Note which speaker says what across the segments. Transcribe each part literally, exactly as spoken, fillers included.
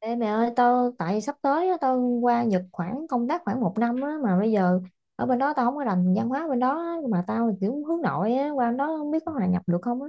Speaker 1: Ê mẹ ơi tao tại sắp tới á, tao qua Nhật khoảng công tác khoảng một năm á, mà bây giờ ở bên đó tao không có rành văn hóa bên đó á, mà tao kiểu hướng nội á, qua bên đó không biết có hòa nhập được không á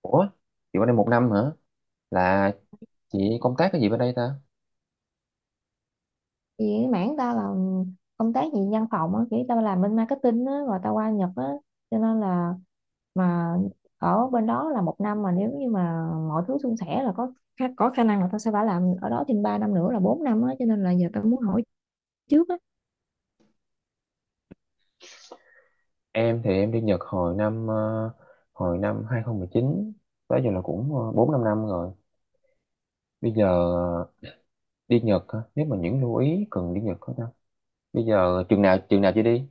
Speaker 2: Ủa, chị qua đây một năm hả? Là chị công tác cái gì bên đây ta?
Speaker 1: vì cái mảng tao là công tác gì văn phòng á kiểu tao làm bên marketing á rồi tao qua Nhật á cho nên là mà ở bên đó là một năm mà nếu như mà mọi thứ suôn sẻ là có có khả năng là tao sẽ phải làm ở đó thêm ba năm nữa là bốn năm á cho nên là giờ tao muốn hỏi trước á.
Speaker 2: Em thì em đi Nhật hồi năm ờ, hồi năm hai không một chín, tới giờ là cũng bốn năm năm rồi. Bây giờ ờ, đi Nhật hả? Nếu mà những lưu ý cần đi Nhật hả ta? Bây giờ chừng nào chừng nào chị đi?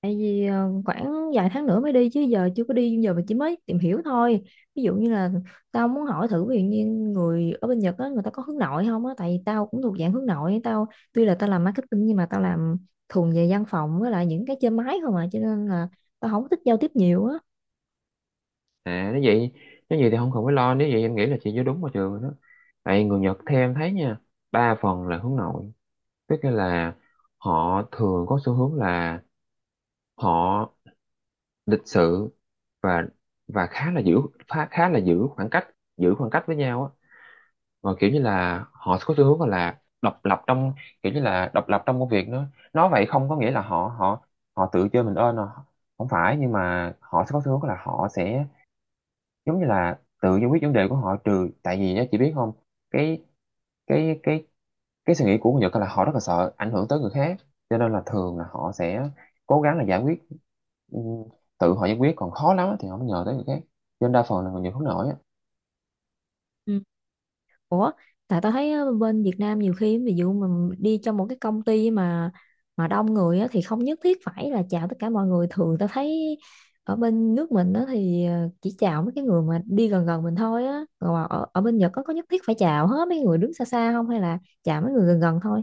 Speaker 1: Tại vì ờ, khoảng vài tháng nữa mới đi chứ giờ chưa có đi giờ mà chỉ mới tìm hiểu thôi, ví dụ như là tao muốn hỏi thử, ví dụ như người ở bên Nhật á người ta có hướng nội không á, tại vì tao cũng thuộc dạng hướng nội, tao tuy là tao làm marketing nhưng mà tao làm thuần về văn phòng với lại những cái trên máy không à, cho nên là tao không thích giao tiếp nhiều á.
Speaker 2: À, nếu vậy nếu vậy thì không cần phải lo, nếu vậy em nghĩ là chị vô đúng vào trường rồi đó. Tại người Nhật theo em thấy nha, ba phần là hướng nội, tức là họ thường có xu hướng là họ lịch sự và và khá là giữ khá, khá là giữ khoảng cách giữ khoảng cách với nhau á, và kiểu như là họ có xu hướng gọi là độc lập trong kiểu như là độc lập trong công việc nữa. Nói vậy không có nghĩa là họ họ họ tự chơi mình ơn à. Không phải, nhưng mà họ sẽ có xu hướng là họ sẽ giống như là tự giải quyết vấn đề của họ, trừ tại vì nhá, chị biết không, cái cái cái cái suy nghĩ của người Nhật là họ rất là sợ ảnh hưởng tới người khác, cho nên là thường là họ sẽ cố gắng là giải quyết, ừ, tự họ giải quyết còn khó lắm á thì họ mới nhờ tới người khác, cho nên đa phần là người Nhật hướng nội á.
Speaker 1: Ủa, tại tao thấy á, bên Việt Nam nhiều khi ví dụ mình đi cho một cái công ty mà mà đông người á, thì không nhất thiết phải là chào tất cả mọi người. Thường tao thấy ở bên nước mình á, thì ờ, chỉ chào mấy cái người mà đi gần gần mình thôi á. Còn mà ở, ở bên Nhật có có nhất thiết phải chào hết mấy người đứng xa xa không hay là chào mấy người gần gần thôi?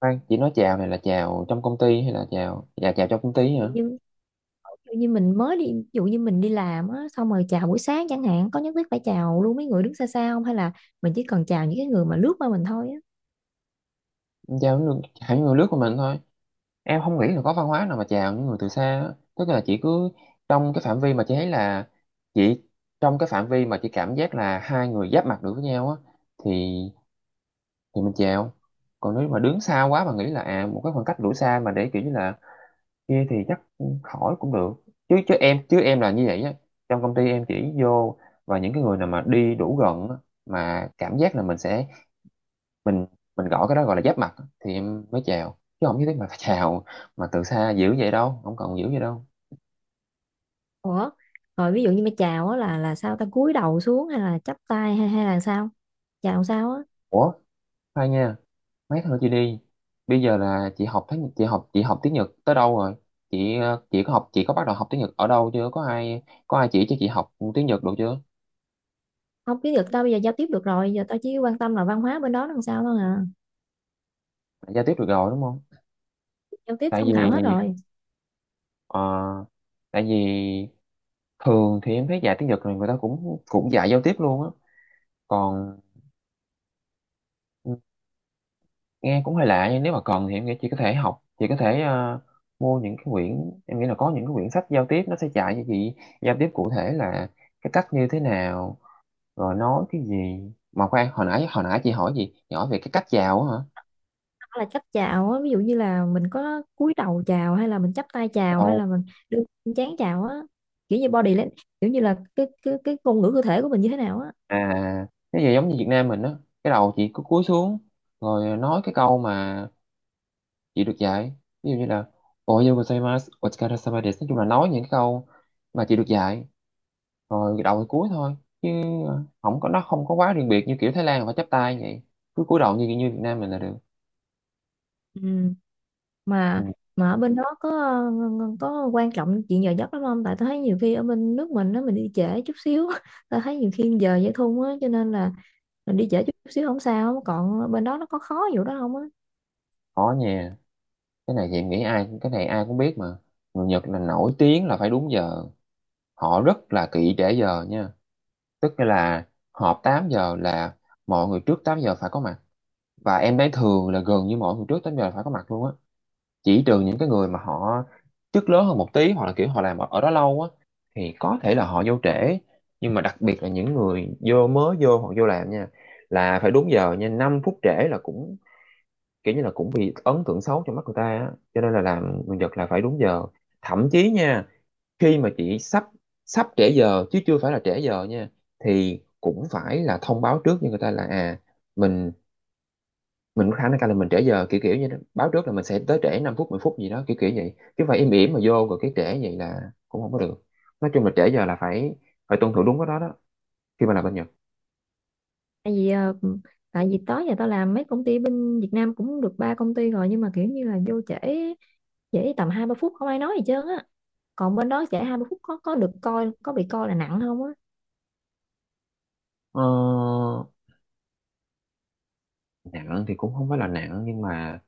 Speaker 2: Khoan, chỉ nói chào này là chào trong công ty hay là chào dạ chào trong công ty
Speaker 1: Ví
Speaker 2: hả?
Speaker 1: dụ như ví dụ như mình mới đi, ví dụ như mình đi làm á, xong rồi chào buổi sáng chẳng hạn, có nhất thiết phải chào luôn mấy người đứng xa xa không hay là mình chỉ cần chào những cái người mà lướt qua mình thôi á?
Speaker 2: Chào những người, chào những người nước của mình thôi, em không nghĩ là có văn hóa nào mà chào những người từ xa á. Tức là chỉ cứ trong cái phạm vi mà chị thấy là chị trong cái phạm vi mà chị cảm giác là hai người giáp mặt được với nhau á, thì thì mình chèo. Còn nếu mà đứng xa quá mà nghĩ là, à một cái khoảng cách đủ xa mà để kiểu như là kia, thì chắc khỏi cũng được. Chứ chứ em chứ em là như vậy á, trong công ty em chỉ vô và những cái người nào mà đi đủ gần á, mà cảm giác là mình sẽ mình mình gọi cái đó, gọi là giáp mặt á, thì em mới chào, chứ không nhất thiết mà phải chào mà từ xa dữ vậy đâu, không cần dữ vậy đâu.
Speaker 1: Ủa, rồi ví dụ như mà chào á là là sao ta, cúi đầu xuống hay là chắp tay hay hay là sao? Chào sao á?
Speaker 2: Ủa, khoan nha, mấy thôi chị đi. Bây giờ là chị học tiếng chị học chị học tiếng Nhật tới đâu rồi? Chị ờ, chị có học, chị có bắt đầu học tiếng Nhật ở đâu chưa? Có ai có ai chỉ cho chị học tiếng Nhật được chưa?
Speaker 1: Không tiếng được, tao bây giờ giao tiếp được rồi, giờ tao chỉ quan tâm là văn hóa bên đó làm sao thôi à.
Speaker 2: Đã giao tiếp được rồi đúng không?
Speaker 1: Giao tiếp
Speaker 2: tại
Speaker 1: thông thạo hết
Speaker 2: vì
Speaker 1: rồi.
Speaker 2: ờ, tại vì thường thì em thấy dạy tiếng Nhật này người ta cũng cũng dạy giao tiếp luôn á. Còn nghe cũng hơi lạ, nhưng nếu mà cần thì em nghĩ chị có thể học chị có thể ờ, mua những cái quyển. Em nghĩ là có những cái quyển sách giao tiếp, nó sẽ dạy cho chị giao tiếp cụ thể là cái cách như thế nào, rồi nói cái gì. Mà khoan, hồi nãy hồi nãy chị hỏi gì chị hỏi về cái cách chào á hả?
Speaker 1: Hoặc là cách chào á, ví dụ như là mình có cúi đầu chào hay là mình chắp tay chào hay
Speaker 2: Đầu,
Speaker 1: là mình đưa chán chào á. Kiểu như body lan- kiểu như là cái cái cái ngôn ngữ cơ thể của mình như thế nào á.
Speaker 2: à cái gì giống như Việt Nam mình á, cái đầu chị cứ cúi xuống rồi nói cái câu mà chị được dạy, ví dụ như là oyo gozaimasu otsukare, nói chung là nói những cái câu mà chị được dạy, rồi đầu thì cúi thôi, chứ không có nó không có quá riêng biệt như kiểu Thái Lan là phải chắp tay vậy. Cứ cúi đầu như như Việt Nam mình là được.
Speaker 1: Ừ,
Speaker 2: Ừ,
Speaker 1: mà mà ở bên đó có ờ, ờ, có quan trọng chuyện giờ giấc lắm không, tại tôi thấy nhiều khi ở bên nước mình đó mình đi trễ chút xíu tôi thấy nhiều khi giờ dễ thun á cho nên là mình đi trễ chút xíu không sao, còn bên đó nó có khó vụ đó không á?
Speaker 2: có nha. Cái này thì em nghĩ ai cái này ai cũng biết mà, người Nhật là nổi tiếng là phải đúng giờ, họ rất là kỹ để giờ nha. Tức là họp tám giờ là mọi người trước tám giờ phải có mặt, và em thấy thường là gần như mọi người trước tám giờ phải có mặt luôn á, chỉ trừ những cái người mà họ chức lớn hơn một tí, hoặc là kiểu họ làm ở, ở đó lâu á, thì có thể là họ vô trễ. Nhưng mà đặc biệt là những người vô mới vô hoặc vô làm nha, là phải đúng giờ nha. Năm phút trễ là cũng kiểu như là cũng bị ấn tượng xấu trong mắt người ta á, cho nên là làm người Nhật là phải đúng giờ. Thậm chí nha, khi mà chị sắp sắp trễ giờ chứ chưa phải là trễ giờ nha, thì cũng phải là thông báo trước cho người ta là, à mình mình có khả năng cao là mình trễ giờ, kiểu kiểu như đó. Báo trước là mình sẽ tới trễ năm phút mười phút gì đó, kiểu kiểu vậy, chứ phải im ỉm mà vô rồi cái trễ vậy là cũng không có được. Nói chung là trễ giờ là phải phải tuân thủ đúng cái đó đó, khi mà làm bên Nhật.
Speaker 1: Tại vì ờ, tại vì tới giờ tao làm mấy công ty bên Việt Nam cũng được ba công ty rồi, nhưng mà kiểu như là vô trễ, trễ tầm hai ba phút không ai nói gì trơn á, còn bên đó trễ hai ba phút có có được coi có bị coi là nặng không á?
Speaker 2: Ờ, nặng thì cũng không phải là nặng, nhưng mà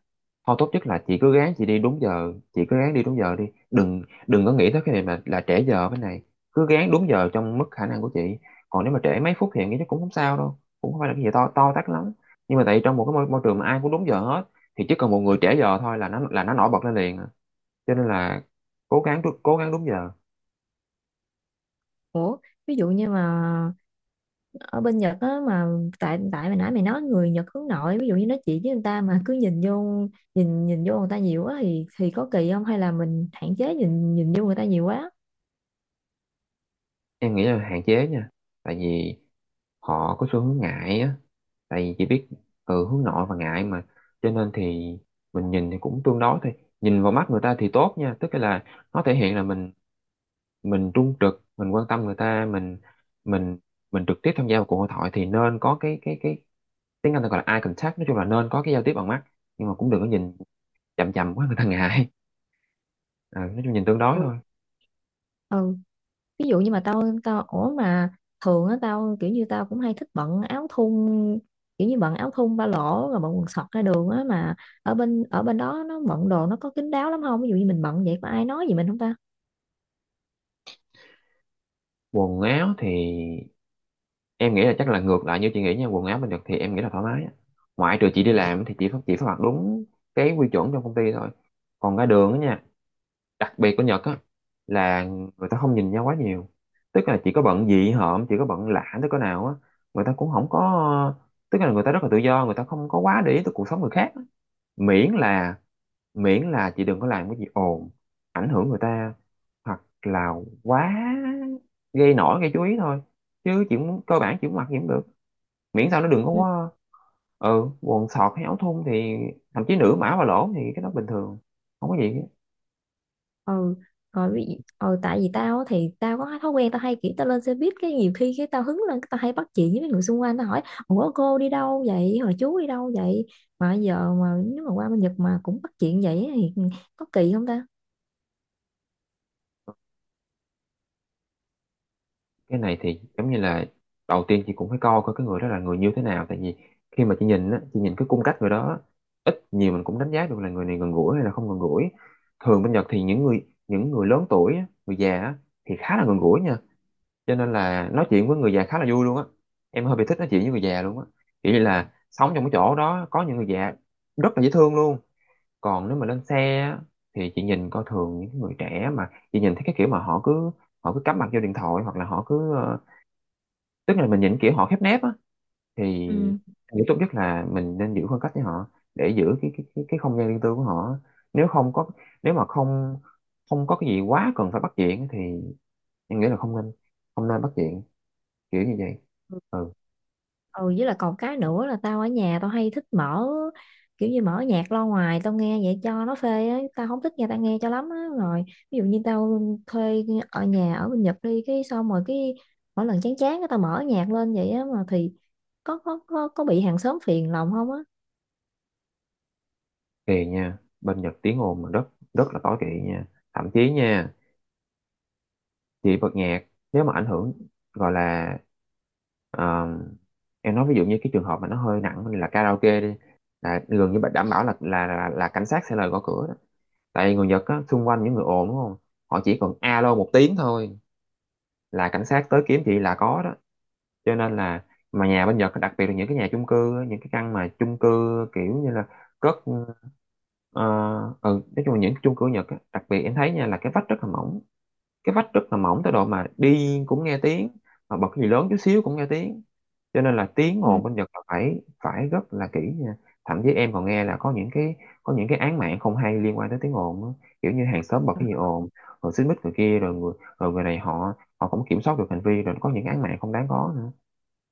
Speaker 2: thôi tốt nhất là chị cứ ráng chị đi đúng giờ chị cứ ráng đi đúng giờ đi. Đừng đừng có nghĩ tới cái này là là trễ giờ bên này, cứ ráng đúng giờ trong mức khả năng của chị. Còn nếu mà trễ mấy phút thì em nghĩ chắc cũng không sao đâu, cũng không phải là cái gì to to tát lắm. Nhưng mà tại vì trong một cái môi, môi trường mà ai cũng đúng giờ hết, thì chỉ cần một người trễ giờ thôi là nó là nó nổi bật lên liền à, cho nên là cố gắng cố gắng đúng giờ.
Speaker 1: Ủa, ví dụ như mà ở bên Nhật á, mà tại tại mày nãy mày nói người Nhật hướng nội, ví dụ như nói chuyện với người ta mà cứ nhìn vô, nhìn nhìn vô người ta nhiều quá thì thì có kỳ không, hay là mình hạn chế nhìn nhìn vô người ta nhiều quá?
Speaker 2: Em nghĩ là hạn chế nha, tại vì họ có xu hướng ngại á, tại vì chỉ biết, ừ, hướng nội và ngại mà, cho nên thì mình nhìn thì cũng tương đối thôi. Nhìn vào mắt người ta thì tốt nha, tức là nó thể hiện là mình mình trung trực, mình quan tâm người ta, mình mình mình trực tiếp tham gia vào cuộc hội thoại, thì nên có cái cái cái tiếng Anh ta gọi là eye contact, nói chung là nên có cái giao tiếp bằng mắt. Nhưng mà cũng đừng có nhìn chằm chằm quá, người ta ngại. Ờ, nói chung nhìn tương đối
Speaker 1: Ừ.
Speaker 2: thôi.
Speaker 1: Ừ. Ví dụ như mà tao tao ủa, mà thường á tao kiểu như tao cũng hay thích bận áo thun, kiểu như bận áo thun ba lỗ rồi bận quần sọt ra đường á, mà ở bên ở bên đó nó bận đồ nó có kín đáo lắm không, ví dụ như mình bận vậy có ai nói gì mình không ta?
Speaker 2: Quần áo thì em nghĩ là chắc là ngược lại như chị nghĩ nha, quần áo mình được thì em nghĩ là thoải mái á, ngoại trừ chị đi làm thì chị phải chỉ phải mặc đúng cái quy chuẩn trong công ty thôi. Còn ra đường á nha, đặc biệt của Nhật á là người ta không nhìn nhau quá nhiều, tức là chị có bận dị hợm, chị có bận lạ tới cỡ nào á, người ta cũng không có. Tức là người ta rất là tự do, người ta không có quá để ý tới cuộc sống người khác, miễn là, miễn là chị đừng có làm cái gì ồn ảnh hưởng người ta, hoặc là quá, gây nổi gây chú ý thôi. Chứ chỉ muốn cơ bản chỉ muốn mặc gì cũng được, miễn sao nó đừng có quá. Ừ quần sọt hay áo thun thì, thậm chí nửa mã và lỗ, thì cái đó bình thường, không có gì hết.
Speaker 1: Ừ. Rồi vì ừ, tại vì tao á thì tao có cái thói quen tao hay kiểu tao lên xe buýt cái nhiều khi cái tao hứng lên cái tao hay bắt chuyện với mấy người xung quanh, tao hỏi ủa cô đi đâu vậy, hồi chú đi đâu vậy, mà giờ mà nếu mà qua bên Nhật mà cũng bắt chuyện vậy thì có kỳ không ta?
Speaker 2: Cái này thì giống như là đầu tiên chị cũng phải coi coi cái người đó là người như thế nào. Tại vì khi mà chị nhìn á, chị nhìn cái cung cách người đó á, ít nhiều mình cũng đánh giá được là người này gần gũi hay là không gần gũi. Thường bên Nhật thì những người những người lớn tuổi á, người già á, thì khá là gần gũi nha. Cho nên là nói chuyện với người già khá là vui luôn á. Em hơi bị thích nói chuyện với người già luôn á, kiểu như là sống trong cái chỗ đó có những người già rất là dễ thương luôn. Còn nếu mà lên xe á, thì chị nhìn coi, thường những người trẻ mà chị nhìn thấy cái kiểu mà họ cứ họ cứ cắm mặt vô điện thoại, hoặc là họ cứ ờ, tức là mình nhìn kiểu họ khép nép á, thì
Speaker 1: Ừ.
Speaker 2: nghĩ tốt nhất là mình nên giữ khoảng cách với họ, để giữ cái cái cái, cái không gian riêng tư của họ. Nếu không có nếu mà không không có cái gì quá cần phải bắt chuyện thì em nghĩ là không nên, không nên bắt chuyện kiểu như vậy. Ừ,
Speaker 1: Ừ, với là còn cái nữa là tao ở nhà tao hay thích mở, kiểu như mở nhạc lo ngoài tao nghe vậy cho nó phê á, tao không thích nghe tao nghe cho lắm á, rồi ví dụ như tao thuê ở nhà ở bên Nhật đi cái xong rồi cái mỗi lần chán chán cái tao mở nhạc lên vậy á mà, thì có có có có bị hàng xóm phiền lòng không á?
Speaker 2: kỳ nha, bên Nhật tiếng ồn mà rất rất là tối kỵ nha. Thậm chí nha, thì bật nhạc nếu mà ảnh hưởng, gọi là ờ, em nói ví dụ như cái trường hợp mà nó hơi nặng là karaoke đi, là gần như bạn đảm bảo là là là, là, cảnh sát sẽ lời gõ cửa đó. Tại vì người Nhật á, xung quanh những người ồn đúng không, họ chỉ cần alo một tiếng thôi là cảnh sát tới kiếm chị là có đó. Cho nên là, mà nhà bên Nhật đặc biệt là những cái nhà chung cư á, những cái căn mà chung cư, kiểu như là cất ờ, ừ, nói chung là những chung cư Nhật á, đặc biệt em thấy nha là cái vách rất là mỏng, cái vách rất là mỏng tới độ mà đi cũng nghe tiếng, mà bật cái gì lớn chút xíu cũng nghe tiếng. Cho nên là tiếng
Speaker 1: Ừ.
Speaker 2: ồn bên Nhật là phải phải rất là kỹ nha. Thậm chí em còn nghe là có những cái có những cái án mạng không hay liên quan tới tiếng ồn á. Kiểu như hàng xóm bật cái gì ồn rồi xích mích người kia, rồi người rồi người này họ họ không kiểm soát được hành vi, rồi có những án mạng không đáng có nữa,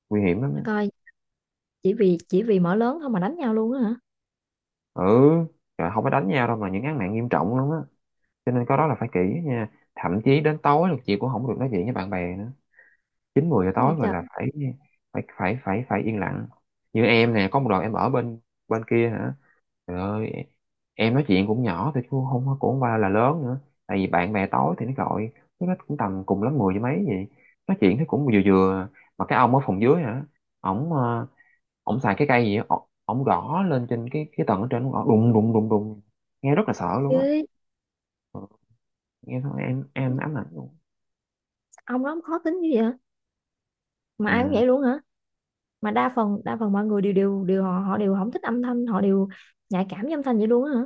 Speaker 2: nguy hiểm lắm á.
Speaker 1: Để coi, chỉ vì chỉ vì mở lớn thôi mà đánh nhau luôn á hả?
Speaker 2: Ừ, trời, không phải đánh nhau đâu mà những án mạng nghiêm trọng lắm á. Cho nên cái đó là phải kỹ nha, thậm chí đến tối là chị cũng không được nói chuyện với bạn bè nữa, chín mười giờ
Speaker 1: Cái
Speaker 2: tối
Speaker 1: gì
Speaker 2: rồi
Speaker 1: trời,
Speaker 2: là phải, phải phải phải phải yên lặng. Như em nè, có một đoạn em ở bên bên kia hả, trời ơi, em nói chuyện cũng nhỏ thôi chứ không có- cũng không qua là lớn nữa, tại vì bạn bè tối thì nó gọi, chứ nó cũng tầm cùng lắm mười với mấy vậy, nói chuyện thì cũng vừa vừa, mà cái ông ở phòng dưới hả, ổng ờ, ổng xài cái cây gì á, ổng ổng gõ lên trên cái cái tầng ở trên, ổng gõ đùng đùng đùng đùng, nghe rất là sợ luôn á.
Speaker 1: chứ
Speaker 2: Ừ, nghe thôi em em ám ảnh luôn.
Speaker 1: ông đó ông khó tính như vậy hả? Mà ai cũng
Speaker 2: Ừ.
Speaker 1: vậy luôn hả? Mà đa phần đa phần mọi người đều đều đều họ họ đều không thích âm thanh, họ đều nhạy cảm với âm thanh vậy luôn á hả?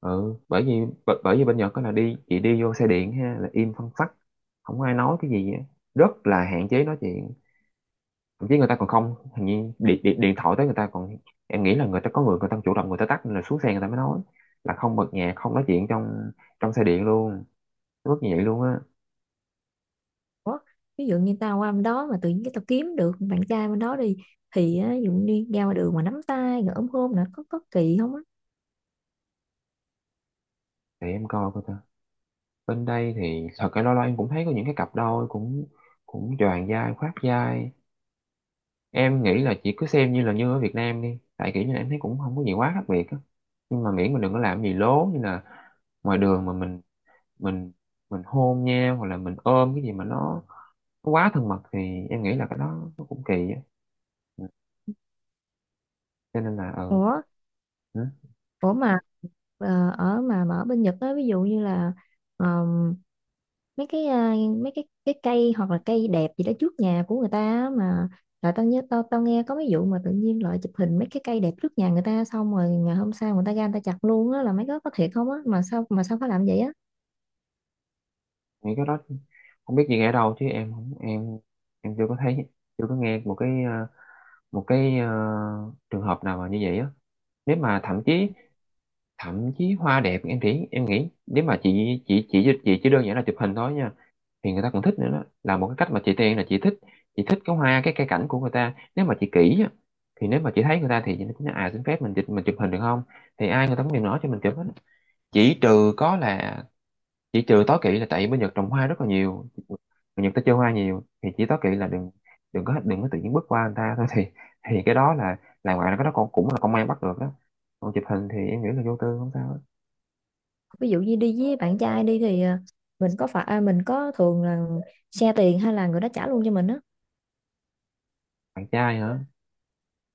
Speaker 2: Ừ, bởi vì bởi, bởi vì bên Nhật đó là đi, chị đi vô xe điện ha là im phăng phắc, không có ai nói cái gì á. Rất là hạn chế nói chuyện. Thậm chí người ta còn không, hình như điện, điện, điện thoại tới người ta còn, em nghĩ là người ta có người người ta chủ động người ta tắt, nên là xuống xe người ta mới nói, là không bật nhạc, không nói chuyện trong trong xe điện luôn, rất như vậy luôn á.
Speaker 1: Ủa? Ví dụ như tao qua bên đó mà tự nhiên cái tao kiếm được bạn trai bên đó đi thì á, ví dụ như ra ngoài đường mà nắm tay rồi ôm hôn là có có kỳ không á?
Speaker 2: Để em coi coi ta, bên đây thì thật cái, lo lo em cũng thấy có những cái cặp đôi cũng cũng choàng vai khoác vai. Em nghĩ là chị cứ xem như là như ở Việt Nam đi, tại kiểu như là em thấy cũng không có gì quá khác biệt á. Nhưng mà miễn mình đừng có làm gì lố, như là ngoài đường mà mình mình mình hôn nhau hoặc là mình ôm cái gì mà nó, nó quá thân mật, thì em nghĩ là cái đó nó cũng kỳ á. Ừ. Cho nên là ừ,
Speaker 1: Ủa,
Speaker 2: ừ,
Speaker 1: ủa mà ờ, ở mà, mà ở bên Nhật á, ví dụ như là ờm, mấy cái, à, mấy cái cái cây hoặc là cây đẹp gì đó trước nhà của người ta á, mà là tao nhớ tao tao nghe có mấy vụ mà tự nhiên lại chụp hình mấy cái cây đẹp trước nhà người ta xong rồi ngày hôm sau người ta ra người ta chặt luôn á, là mấy cái có thiệt không á, mà sao mà sao phải làm vậy á?
Speaker 2: nghĩ cái đó không biết gì ở đâu, chứ em không em em chưa có thấy, chưa có nghe một cái ờ, một cái ờ, trường hợp nào mà như vậy á. Nếu mà thậm chí thậm chí hoa đẹp, em nghĩ em nghĩ nếu mà chị chị chị chị chỉ đơn giản là chụp hình thôi nha, thì người ta còn thích nữa, đó là một cái cách mà chị tiên là chị thích chị thích cái hoa, cái cây cảnh của người ta, nếu mà chị kỹ á, thì nếu mà chị thấy người ta thì chị nói à, xin phép mình chụp mình chụp hình được không, thì ai người ta cũng đều nói cho mình chụp hết. chỉ trừ có là chỉ trừ tối kỵ là, tại bên Nhật trồng hoa rất là nhiều, người Nhật ta chơi hoa nhiều, thì chỉ tối kỵ là đừng, đừng có đừng có tự nhiên bước qua người ta thôi thì thì cái đó là là ngoài là cái đó cũng cũng là công an bắt được đó. Còn chụp hình thì em nghĩ là vô tư, không sao.
Speaker 1: Ví dụ như đi với bạn trai đi thì à, mình có phải à, mình có thường là xe tiền hay là người đó trả luôn cho mình á?
Speaker 2: Bạn trai hả?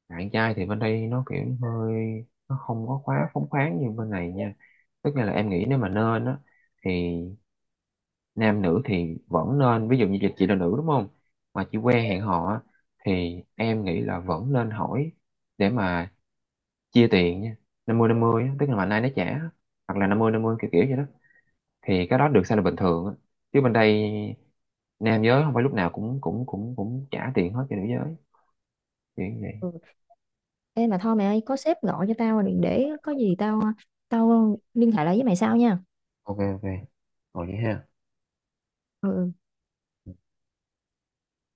Speaker 2: Bạn trai thì bên đây nó kiểu hơi, nó không có quá phóng khoáng như bên này nha. Tức là em nghĩ nếu mà nên á, thì nam nữ thì vẫn nên, ví dụ như chị là nữ đúng không, mà chị quen hẹn hò á, thì em nghĩ là vẫn nên hỏi để mà chia tiền nha. Năm mươi năm mươi, tức là mà nay nó trả, hoặc là năm mươi năm mươi, kiểu kiểu vậy đó, thì cái đó được xem là bình thường á. Chứ bên đây nam giới không phải lúc nào cũng cũng cũng cũng trả tiền hết cho nữ giới, kiểu như vậy.
Speaker 1: Ừ. Ê mà thôi mẹ ơi, có sếp gọi cho tao rồi, để có gì tao tao liên hệ lại với mày sau nha.
Speaker 2: Ok, ok, rồi vậy ha.
Speaker 1: Ừ.